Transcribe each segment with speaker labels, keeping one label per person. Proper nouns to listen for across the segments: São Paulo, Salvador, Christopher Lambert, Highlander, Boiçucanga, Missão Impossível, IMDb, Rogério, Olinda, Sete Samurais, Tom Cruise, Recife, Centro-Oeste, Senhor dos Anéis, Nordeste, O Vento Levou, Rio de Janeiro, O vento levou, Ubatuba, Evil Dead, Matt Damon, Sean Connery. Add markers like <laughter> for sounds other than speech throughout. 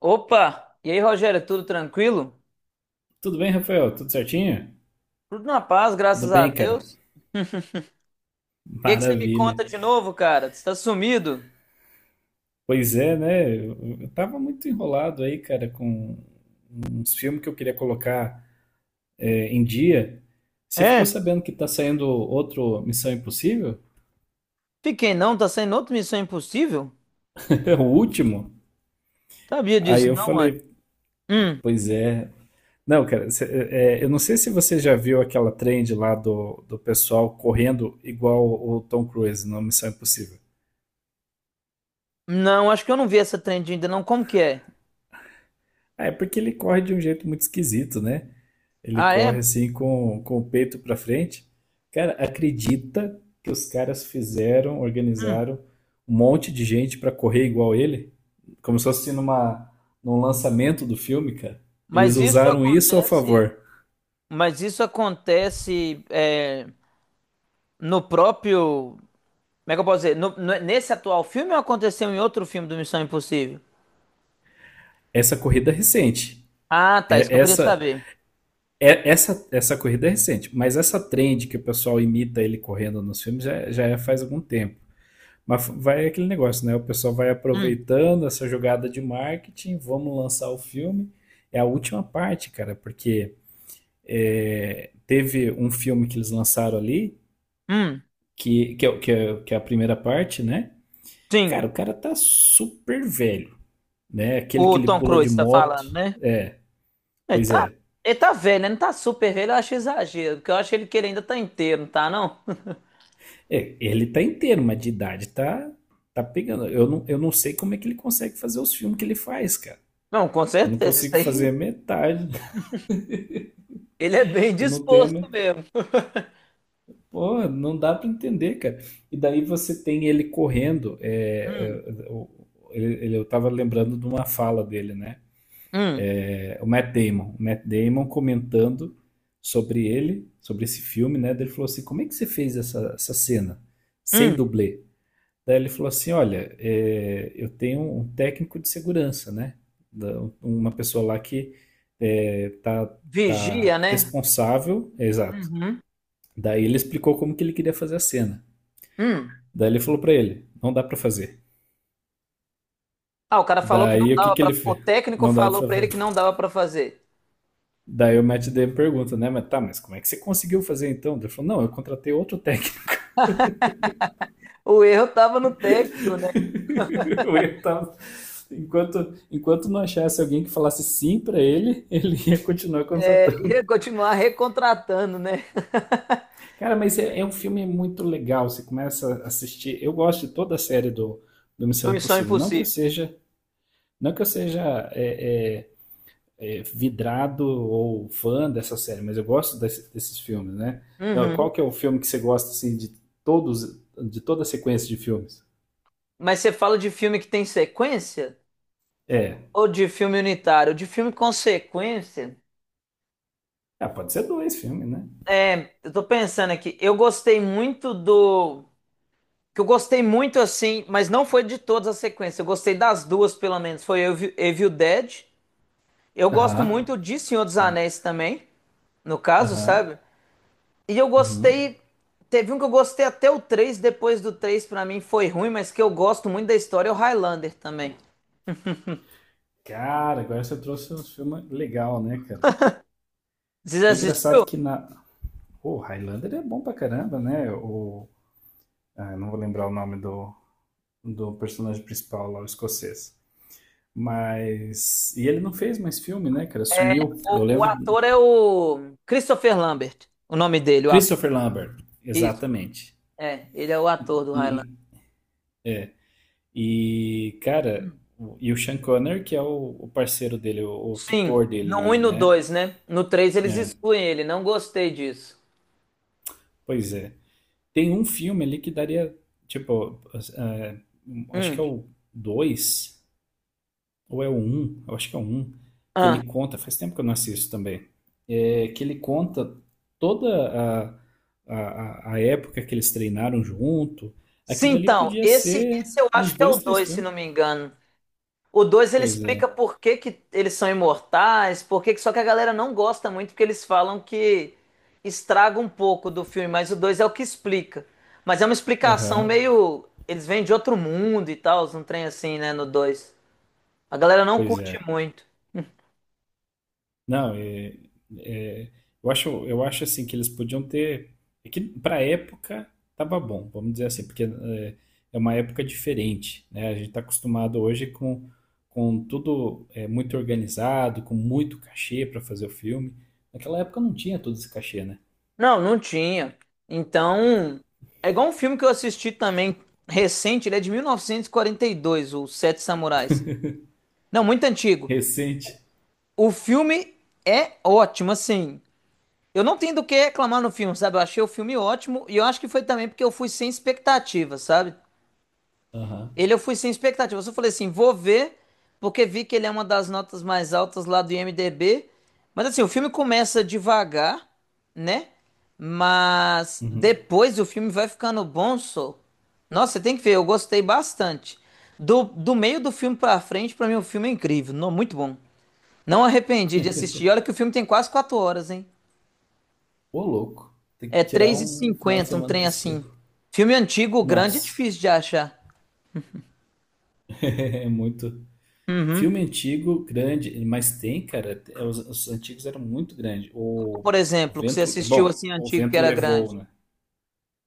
Speaker 1: Opa! E aí, Rogério, tudo tranquilo?
Speaker 2: Tudo bem, Rafael? Tudo certinho?
Speaker 1: Tudo na paz,
Speaker 2: Tudo
Speaker 1: graças a
Speaker 2: bem, cara.
Speaker 1: Deus. O que que você me
Speaker 2: Maravilha.
Speaker 1: conta de novo, cara? Você tá sumido?
Speaker 2: Pois é, né? Eu tava muito enrolado aí, cara, com uns filmes que eu queria colocar em dia. Você ficou
Speaker 1: É,
Speaker 2: sabendo que tá saindo outro Missão Impossível?
Speaker 1: fiquei não, tá saindo outra Missão Impossível?
Speaker 2: <laughs> O último?
Speaker 1: Sabia
Speaker 2: Aí
Speaker 1: disso
Speaker 2: eu
Speaker 1: não, mano.
Speaker 2: falei,
Speaker 1: Hum.
Speaker 2: pois é. Não, cara, eu não sei se você já viu aquela trend lá do pessoal correndo igual o Tom Cruise no Missão Impossível.
Speaker 1: Não, acho que eu não vi essa trend ainda não, como que é?
Speaker 2: É porque ele corre de um jeito muito esquisito, né? Ele
Speaker 1: Ah,
Speaker 2: corre
Speaker 1: é?
Speaker 2: assim com o peito pra frente. Cara, acredita que os caras fizeram,
Speaker 1: Hum.
Speaker 2: organizaram um monte de gente pra correr igual ele? Como se fosse num lançamento do filme, cara. Eles
Speaker 1: mas isso
Speaker 2: usaram isso ao
Speaker 1: acontece,
Speaker 2: favor.
Speaker 1: mas isso acontece é, no próprio, como é que eu posso dizer, nesse atual filme ou aconteceu em outro filme do Missão Impossível?
Speaker 2: Essa corrida é recente.
Speaker 1: Ah, tá, isso que
Speaker 2: É,
Speaker 1: eu queria
Speaker 2: essa,
Speaker 1: saber.
Speaker 2: essa corrida é recente. Mas essa trend que o pessoal imita ele correndo nos filmes já é faz algum tempo. Mas vai aquele negócio, né? O pessoal vai
Speaker 1: Hum.
Speaker 2: aproveitando essa jogada de marketing, vamos lançar o filme. É a última parte, cara, porque teve um filme que eles lançaram ali,
Speaker 1: Hum.
Speaker 2: que, é, o- que é a primeira parte, né?
Speaker 1: Sim.
Speaker 2: Cara, o cara tá super velho, né? Aquele que
Speaker 1: O
Speaker 2: ele
Speaker 1: Tom
Speaker 2: pula de
Speaker 1: Cruise tá
Speaker 2: moto.
Speaker 1: falando, né? Ele
Speaker 2: Pois
Speaker 1: tá,
Speaker 2: é.
Speaker 1: ele tá velho, né? Não tá super velho, eu acho exagero, porque eu acho que ele ainda tá inteiro, não tá, não? <laughs>
Speaker 2: É, ele tá inteiro, mas de idade tá pegando. Eu não sei como é que ele consegue fazer os filmes que ele faz, cara.
Speaker 1: Não, com
Speaker 2: Eu não
Speaker 1: certeza, isso
Speaker 2: consigo fazer
Speaker 1: aí.
Speaker 2: metade. <laughs>
Speaker 1: Ele é bem
Speaker 2: Eu não tenho.
Speaker 1: disposto mesmo.
Speaker 2: Pô, não dá pra entender, cara. E daí você tem ele correndo.
Speaker 1: Hum.
Speaker 2: Eu tava lembrando de uma fala dele, né?
Speaker 1: Hum.
Speaker 2: O Matt Damon. O Matt Damon comentando sobre ele, sobre esse filme, né? Daí ele falou assim: Como é que você fez essa cena sem
Speaker 1: Hum.
Speaker 2: dublê? Daí ele falou assim: Olha, eu tenho um técnico de segurança, né? Uma pessoa lá que é, tá,
Speaker 1: Vigia,
Speaker 2: tá
Speaker 1: né?
Speaker 2: responsável. É, exato.
Speaker 1: Uhum.
Speaker 2: Daí ele explicou como que ele queria fazer a cena.
Speaker 1: Hum.
Speaker 2: Daí ele falou pra ele, não dá pra fazer.
Speaker 1: Ah, o cara falou que não
Speaker 2: Daí o que
Speaker 1: dava
Speaker 2: que
Speaker 1: pra.
Speaker 2: ele
Speaker 1: O
Speaker 2: fez?
Speaker 1: técnico
Speaker 2: Não dá pra
Speaker 1: falou pra ele
Speaker 2: fazer.
Speaker 1: que não dava pra fazer.
Speaker 2: Daí o Matt Damon pergunta, né? Mas tá, mas como é que você conseguiu fazer então? Ele falou, não, eu contratei outro técnico.
Speaker 1: O erro tava no técnico, né?
Speaker 2: <laughs> Eu ia estar... Enquanto, enquanto não achasse alguém que falasse sim pra ele, ele ia continuar
Speaker 1: É,
Speaker 2: contratando.
Speaker 1: ia continuar recontratando, né? <laughs>
Speaker 2: Cara, mas é um filme muito legal. Você começa a assistir. Eu gosto de toda a série do Missão
Speaker 1: Do Missão
Speaker 2: Impossível. Não que eu
Speaker 1: Impossível.
Speaker 2: seja, não que eu seja é, é, vidrado ou fã dessa série, mas eu gosto desses filmes, né? Então, qual
Speaker 1: Uhum.
Speaker 2: que é o filme que você gosta, assim, todos, de toda a sequência de filmes?
Speaker 1: Mas você fala de filme que tem sequência?
Speaker 2: É.
Speaker 1: Ou de filme unitário, de filme consequência.
Speaker 2: Ah, pode ser dois filmes, né?
Speaker 1: É, eu tô pensando aqui, eu gostei muito do. Que eu gostei muito assim, mas não foi de todas as sequências. Eu gostei das duas, pelo menos. Foi Evil Dead. Eu gosto
Speaker 2: Aham.
Speaker 1: muito de Senhor dos Anéis também, no caso,
Speaker 2: Aham.
Speaker 1: sabe? E eu
Speaker 2: Uhum.
Speaker 1: gostei. Teve um que eu gostei até o 3. Depois do 3, pra mim foi ruim, mas que eu gosto muito da história, é o Highlander também.
Speaker 2: Cara, agora você trouxe um filme legal, né, cara?
Speaker 1: Vocês
Speaker 2: É
Speaker 1: assistiu?
Speaker 2: engraçado que na. O Highlander é bom pra caramba, né? O... Ah, eu não vou lembrar o nome do personagem principal lá, o escocês. Mas. E ele não fez mais filme, né, cara?
Speaker 1: É,
Speaker 2: Sumiu. Eu
Speaker 1: o
Speaker 2: lembro
Speaker 1: ator é o Christopher Lambert, o nome dele, o ator.
Speaker 2: Christopher Lambert,
Speaker 1: Isso,
Speaker 2: exatamente.
Speaker 1: é, ele é o ator do Highlander.
Speaker 2: E, e, cara, e o Sean Connery, que é o parceiro dele, o
Speaker 1: Sim,
Speaker 2: tutor dele
Speaker 1: no um e
Speaker 2: ali,
Speaker 1: no
Speaker 2: né?
Speaker 1: 2, né? No 3 eles
Speaker 2: É,
Speaker 1: excluem ele, não gostei disso.
Speaker 2: pois é. Tem um filme ali que daria, tipo, é, acho
Speaker 1: Hum.
Speaker 2: que é o 2 ou é o um, eu acho que é o um, que ele
Speaker 1: Ah.
Speaker 2: conta, faz tempo que eu não assisto também, que ele conta toda a, a época que eles treinaram junto,
Speaker 1: Sim,
Speaker 2: aquilo dali
Speaker 1: então,
Speaker 2: podia
Speaker 1: esse,
Speaker 2: ser
Speaker 1: esse eu acho
Speaker 2: uns
Speaker 1: que é o
Speaker 2: dois, três
Speaker 1: 2, se
Speaker 2: filmes.
Speaker 1: não me engano. O 2 ele
Speaker 2: Pois é.
Speaker 1: explica por que que eles são imortais, por que que... Só que a galera não gosta muito, porque eles falam que estraga um pouco do filme, mas o 2 é o que explica. Mas é uma explicação
Speaker 2: Aham.
Speaker 1: meio... Eles vêm de outro mundo e tal, um trem assim, né, no dois. A galera não
Speaker 2: Pois
Speaker 1: curte
Speaker 2: é.
Speaker 1: muito.
Speaker 2: Não, é, eu acho, assim que eles podiam ter. É que para época tava bom, vamos dizer assim, porque é uma época diferente, né? A gente está acostumado hoje com tudo muito organizado, com muito cachê para fazer o filme. Naquela época não tinha todo esse cachê, né?
Speaker 1: Não, não tinha. Então, é igual um filme que eu assisti também recente, ele é de mil novecentos e quarenta e dois, o Sete Samurais. Não, muito antigo.
Speaker 2: Recente.
Speaker 1: O filme é ótimo, assim. Eu não tenho do que reclamar no filme, sabe? Eu achei o filme ótimo e eu acho que foi também porque eu fui sem expectativa, sabe?
Speaker 2: Aham.
Speaker 1: Ele eu fui sem expectativa. Eu só falei assim, vou ver, porque vi que ele é uma das notas mais altas lá do IMDb. Mas assim, o filme começa devagar, né? Mas
Speaker 2: Uhum.
Speaker 1: depois o filme vai ficando bom, só. Nossa, você tem que ver, eu gostei bastante. Do meio do filme pra frente, pra mim o filme é incrível, não, muito bom. Não arrependi de
Speaker 2: <laughs>
Speaker 1: assistir. Olha que o filme tem quase 4 horas, hein?
Speaker 2: Ô, louco. Tem
Speaker 1: É
Speaker 2: que tirar
Speaker 1: três e
Speaker 2: um final de
Speaker 1: cinquenta, um
Speaker 2: semana
Speaker 1: trem
Speaker 2: para assistir.
Speaker 1: assim. Filme antigo, grande, é
Speaker 2: Nossa,
Speaker 1: difícil de achar.
Speaker 2: <laughs> é muito.
Speaker 1: Uhum.
Speaker 2: Filme antigo, grande, mas tem, cara. Os antigos eram muito grandes. O,
Speaker 1: Por
Speaker 2: o
Speaker 1: exemplo, que você
Speaker 2: vento. é
Speaker 1: assistiu
Speaker 2: Bom,
Speaker 1: assim
Speaker 2: o
Speaker 1: antigo que
Speaker 2: vento
Speaker 1: era
Speaker 2: levou,
Speaker 1: grande?
Speaker 2: né?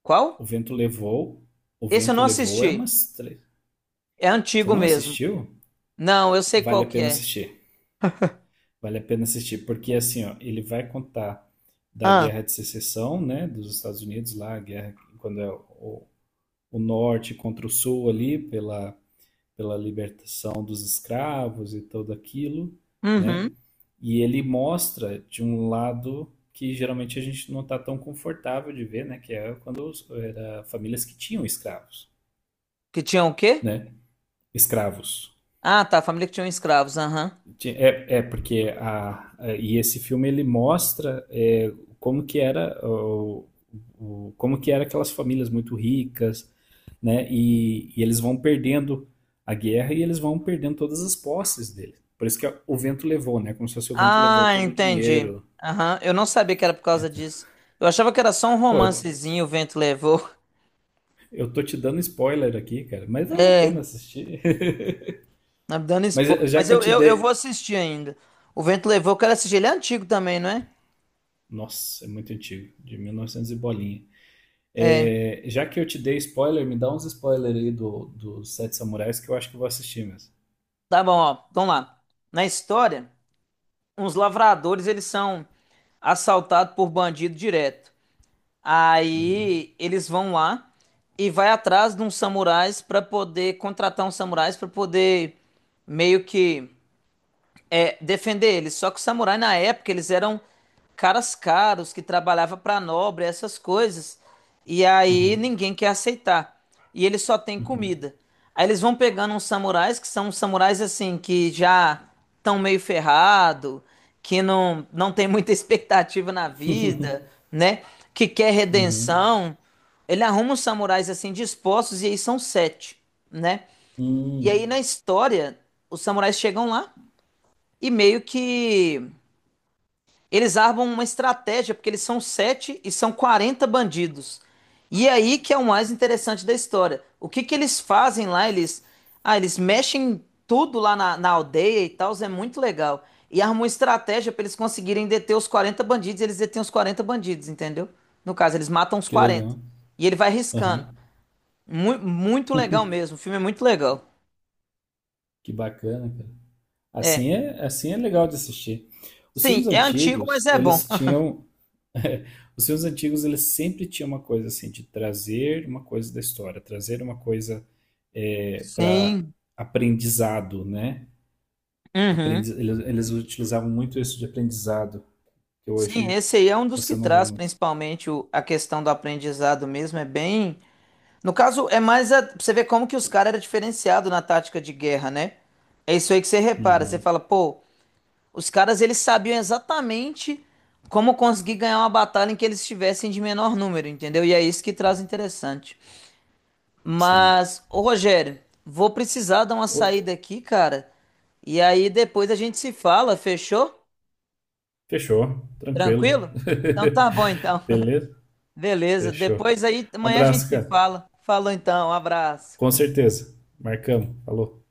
Speaker 1: Qual?
Speaker 2: O vento levou. O
Speaker 1: Esse eu
Speaker 2: vento
Speaker 1: não
Speaker 2: levou é
Speaker 1: assisti.
Speaker 2: umas três.
Speaker 1: É
Speaker 2: Você
Speaker 1: antigo
Speaker 2: não
Speaker 1: mesmo.
Speaker 2: assistiu?
Speaker 1: Não, eu sei qual
Speaker 2: Vale a
Speaker 1: que
Speaker 2: pena
Speaker 1: é.
Speaker 2: assistir. Vale a pena assistir, porque assim, ó, ele vai contar da
Speaker 1: Ah.
Speaker 2: Guerra de Secessão, né? Dos Estados Unidos lá, a guerra, quando é o norte contra o sul ali, pela libertação dos escravos e tudo aquilo, né?
Speaker 1: Uhum.
Speaker 2: E ele mostra de um lado que geralmente a gente não está tão confortável de ver, né? Que é quando era famílias que tinham escravos,
Speaker 1: Que tinham o quê?
Speaker 2: né? Escravos.
Speaker 1: Ah, tá. Família que tinha escravos. Aham.
Speaker 2: É porque e esse filme ele mostra como que era como que era aquelas famílias muito ricas, né? E eles vão perdendo a guerra e eles vão perdendo todas as posses dele. Por isso que o vento levou, né? Como se fosse o vento levou
Speaker 1: Ah,
Speaker 2: todo o
Speaker 1: entendi.
Speaker 2: dinheiro.
Speaker 1: Aham. Eu não sabia que era por
Speaker 2: É,
Speaker 1: causa
Speaker 2: tá.
Speaker 1: disso. Eu achava que era só um
Speaker 2: Pô, eu
Speaker 1: romancezinho, o vento levou. <laughs>
Speaker 2: eu tô te dando spoiler aqui, cara, mas vale a pena
Speaker 1: É,
Speaker 2: assistir. <laughs>
Speaker 1: tá me dando
Speaker 2: Mas
Speaker 1: spoiler.
Speaker 2: já
Speaker 1: Mas
Speaker 2: que eu
Speaker 1: eu,
Speaker 2: te
Speaker 1: eu, eu vou
Speaker 2: dei,
Speaker 1: assistir ainda. O vento levou, eu quero assistir. Ele é antigo também, não é?
Speaker 2: nossa, é muito antigo, de 1900 e novecentos e bolinha.
Speaker 1: É.
Speaker 2: É, já que eu te dei spoiler, me dá uns spoilers aí dos Sete Samurais que eu acho que eu vou assistir mesmo.
Speaker 1: Tá bom, ó. Vamos lá. Na história. Uns lavradores, eles são assaltados por bandido direto.
Speaker 2: Uhum,
Speaker 1: Aí eles vão lá e vai atrás de uns samurais para poder contratar uns samurais para poder meio que defender eles. Só que os samurais na época eles eram caras caros que trabalhavam para nobre, essas coisas. E aí
Speaker 2: uhum,
Speaker 1: ninguém quer aceitar. E eles só têm
Speaker 2: uhum.
Speaker 1: comida. Aí eles vão pegando uns samurais que são uns samurais assim que já estão meio ferrado, que não tem muita <laughs> expectativa na vida,
Speaker 2: <laughs>
Speaker 1: né? Que quer
Speaker 2: Uhum.
Speaker 1: redenção. Ele arruma uns samurais assim dispostos e aí são sete, né? E aí
Speaker 2: Hum,
Speaker 1: na história os samurais chegam lá e meio que eles armam uma estratégia, porque eles são sete e são 40 bandidos. E é aí que é o mais interessante da história. O que que eles fazem lá? Eles mexem tudo lá na aldeia e tal, é muito legal. E armam uma estratégia para eles conseguirem deter os 40 bandidos, e eles detêm os 40 bandidos, entendeu? No caso, eles matam os
Speaker 2: que
Speaker 1: 40.
Speaker 2: legal.
Speaker 1: E ele vai riscando.
Speaker 2: Aham,
Speaker 1: Muito legal mesmo, o filme é muito legal.
Speaker 2: que bacana, cara.
Speaker 1: É.
Speaker 2: Assim é legal de assistir. Os filmes
Speaker 1: Sim, é antigo, mas
Speaker 2: antigos,
Speaker 1: é bom.
Speaker 2: eles
Speaker 1: <laughs>
Speaker 2: tinham. <laughs> Os filmes antigos, eles sempre tinham uma coisa assim, de trazer uma coisa da história, trazer uma coisa para
Speaker 1: Sim.
Speaker 2: aprendizado, né?
Speaker 1: Uhum.
Speaker 2: Eles, utilizavam muito isso de aprendizado que
Speaker 1: Sim,
Speaker 2: hoje
Speaker 1: esse aí é um dos
Speaker 2: você
Speaker 1: que
Speaker 2: não vê
Speaker 1: traz
Speaker 2: muito.
Speaker 1: principalmente a questão do aprendizado mesmo, é bem. No caso, é mais a, pra você ver como que os caras eram diferenciados na tática de guerra, né? É isso aí que você repara, você
Speaker 2: Uhum,
Speaker 1: fala, pô, os caras eles sabiam exatamente como conseguir ganhar uma batalha em que eles estivessem de menor número, entendeu? E é isso que traz interessante.
Speaker 2: sim.
Speaker 1: Mas, ô Rogério, vou precisar dar uma
Speaker 2: Ô,
Speaker 1: saída aqui, cara. E aí depois a gente se fala, fechou?
Speaker 2: fechou, tranquilo.
Speaker 1: Tranquilo? Então tá bom então.
Speaker 2: <laughs> Beleza?
Speaker 1: Beleza.
Speaker 2: Fechou.
Speaker 1: Depois aí, amanhã a gente
Speaker 2: Abraço,
Speaker 1: se
Speaker 2: cara.
Speaker 1: fala. Falou então, um abraço.
Speaker 2: Com certeza. Marcamos. Falou.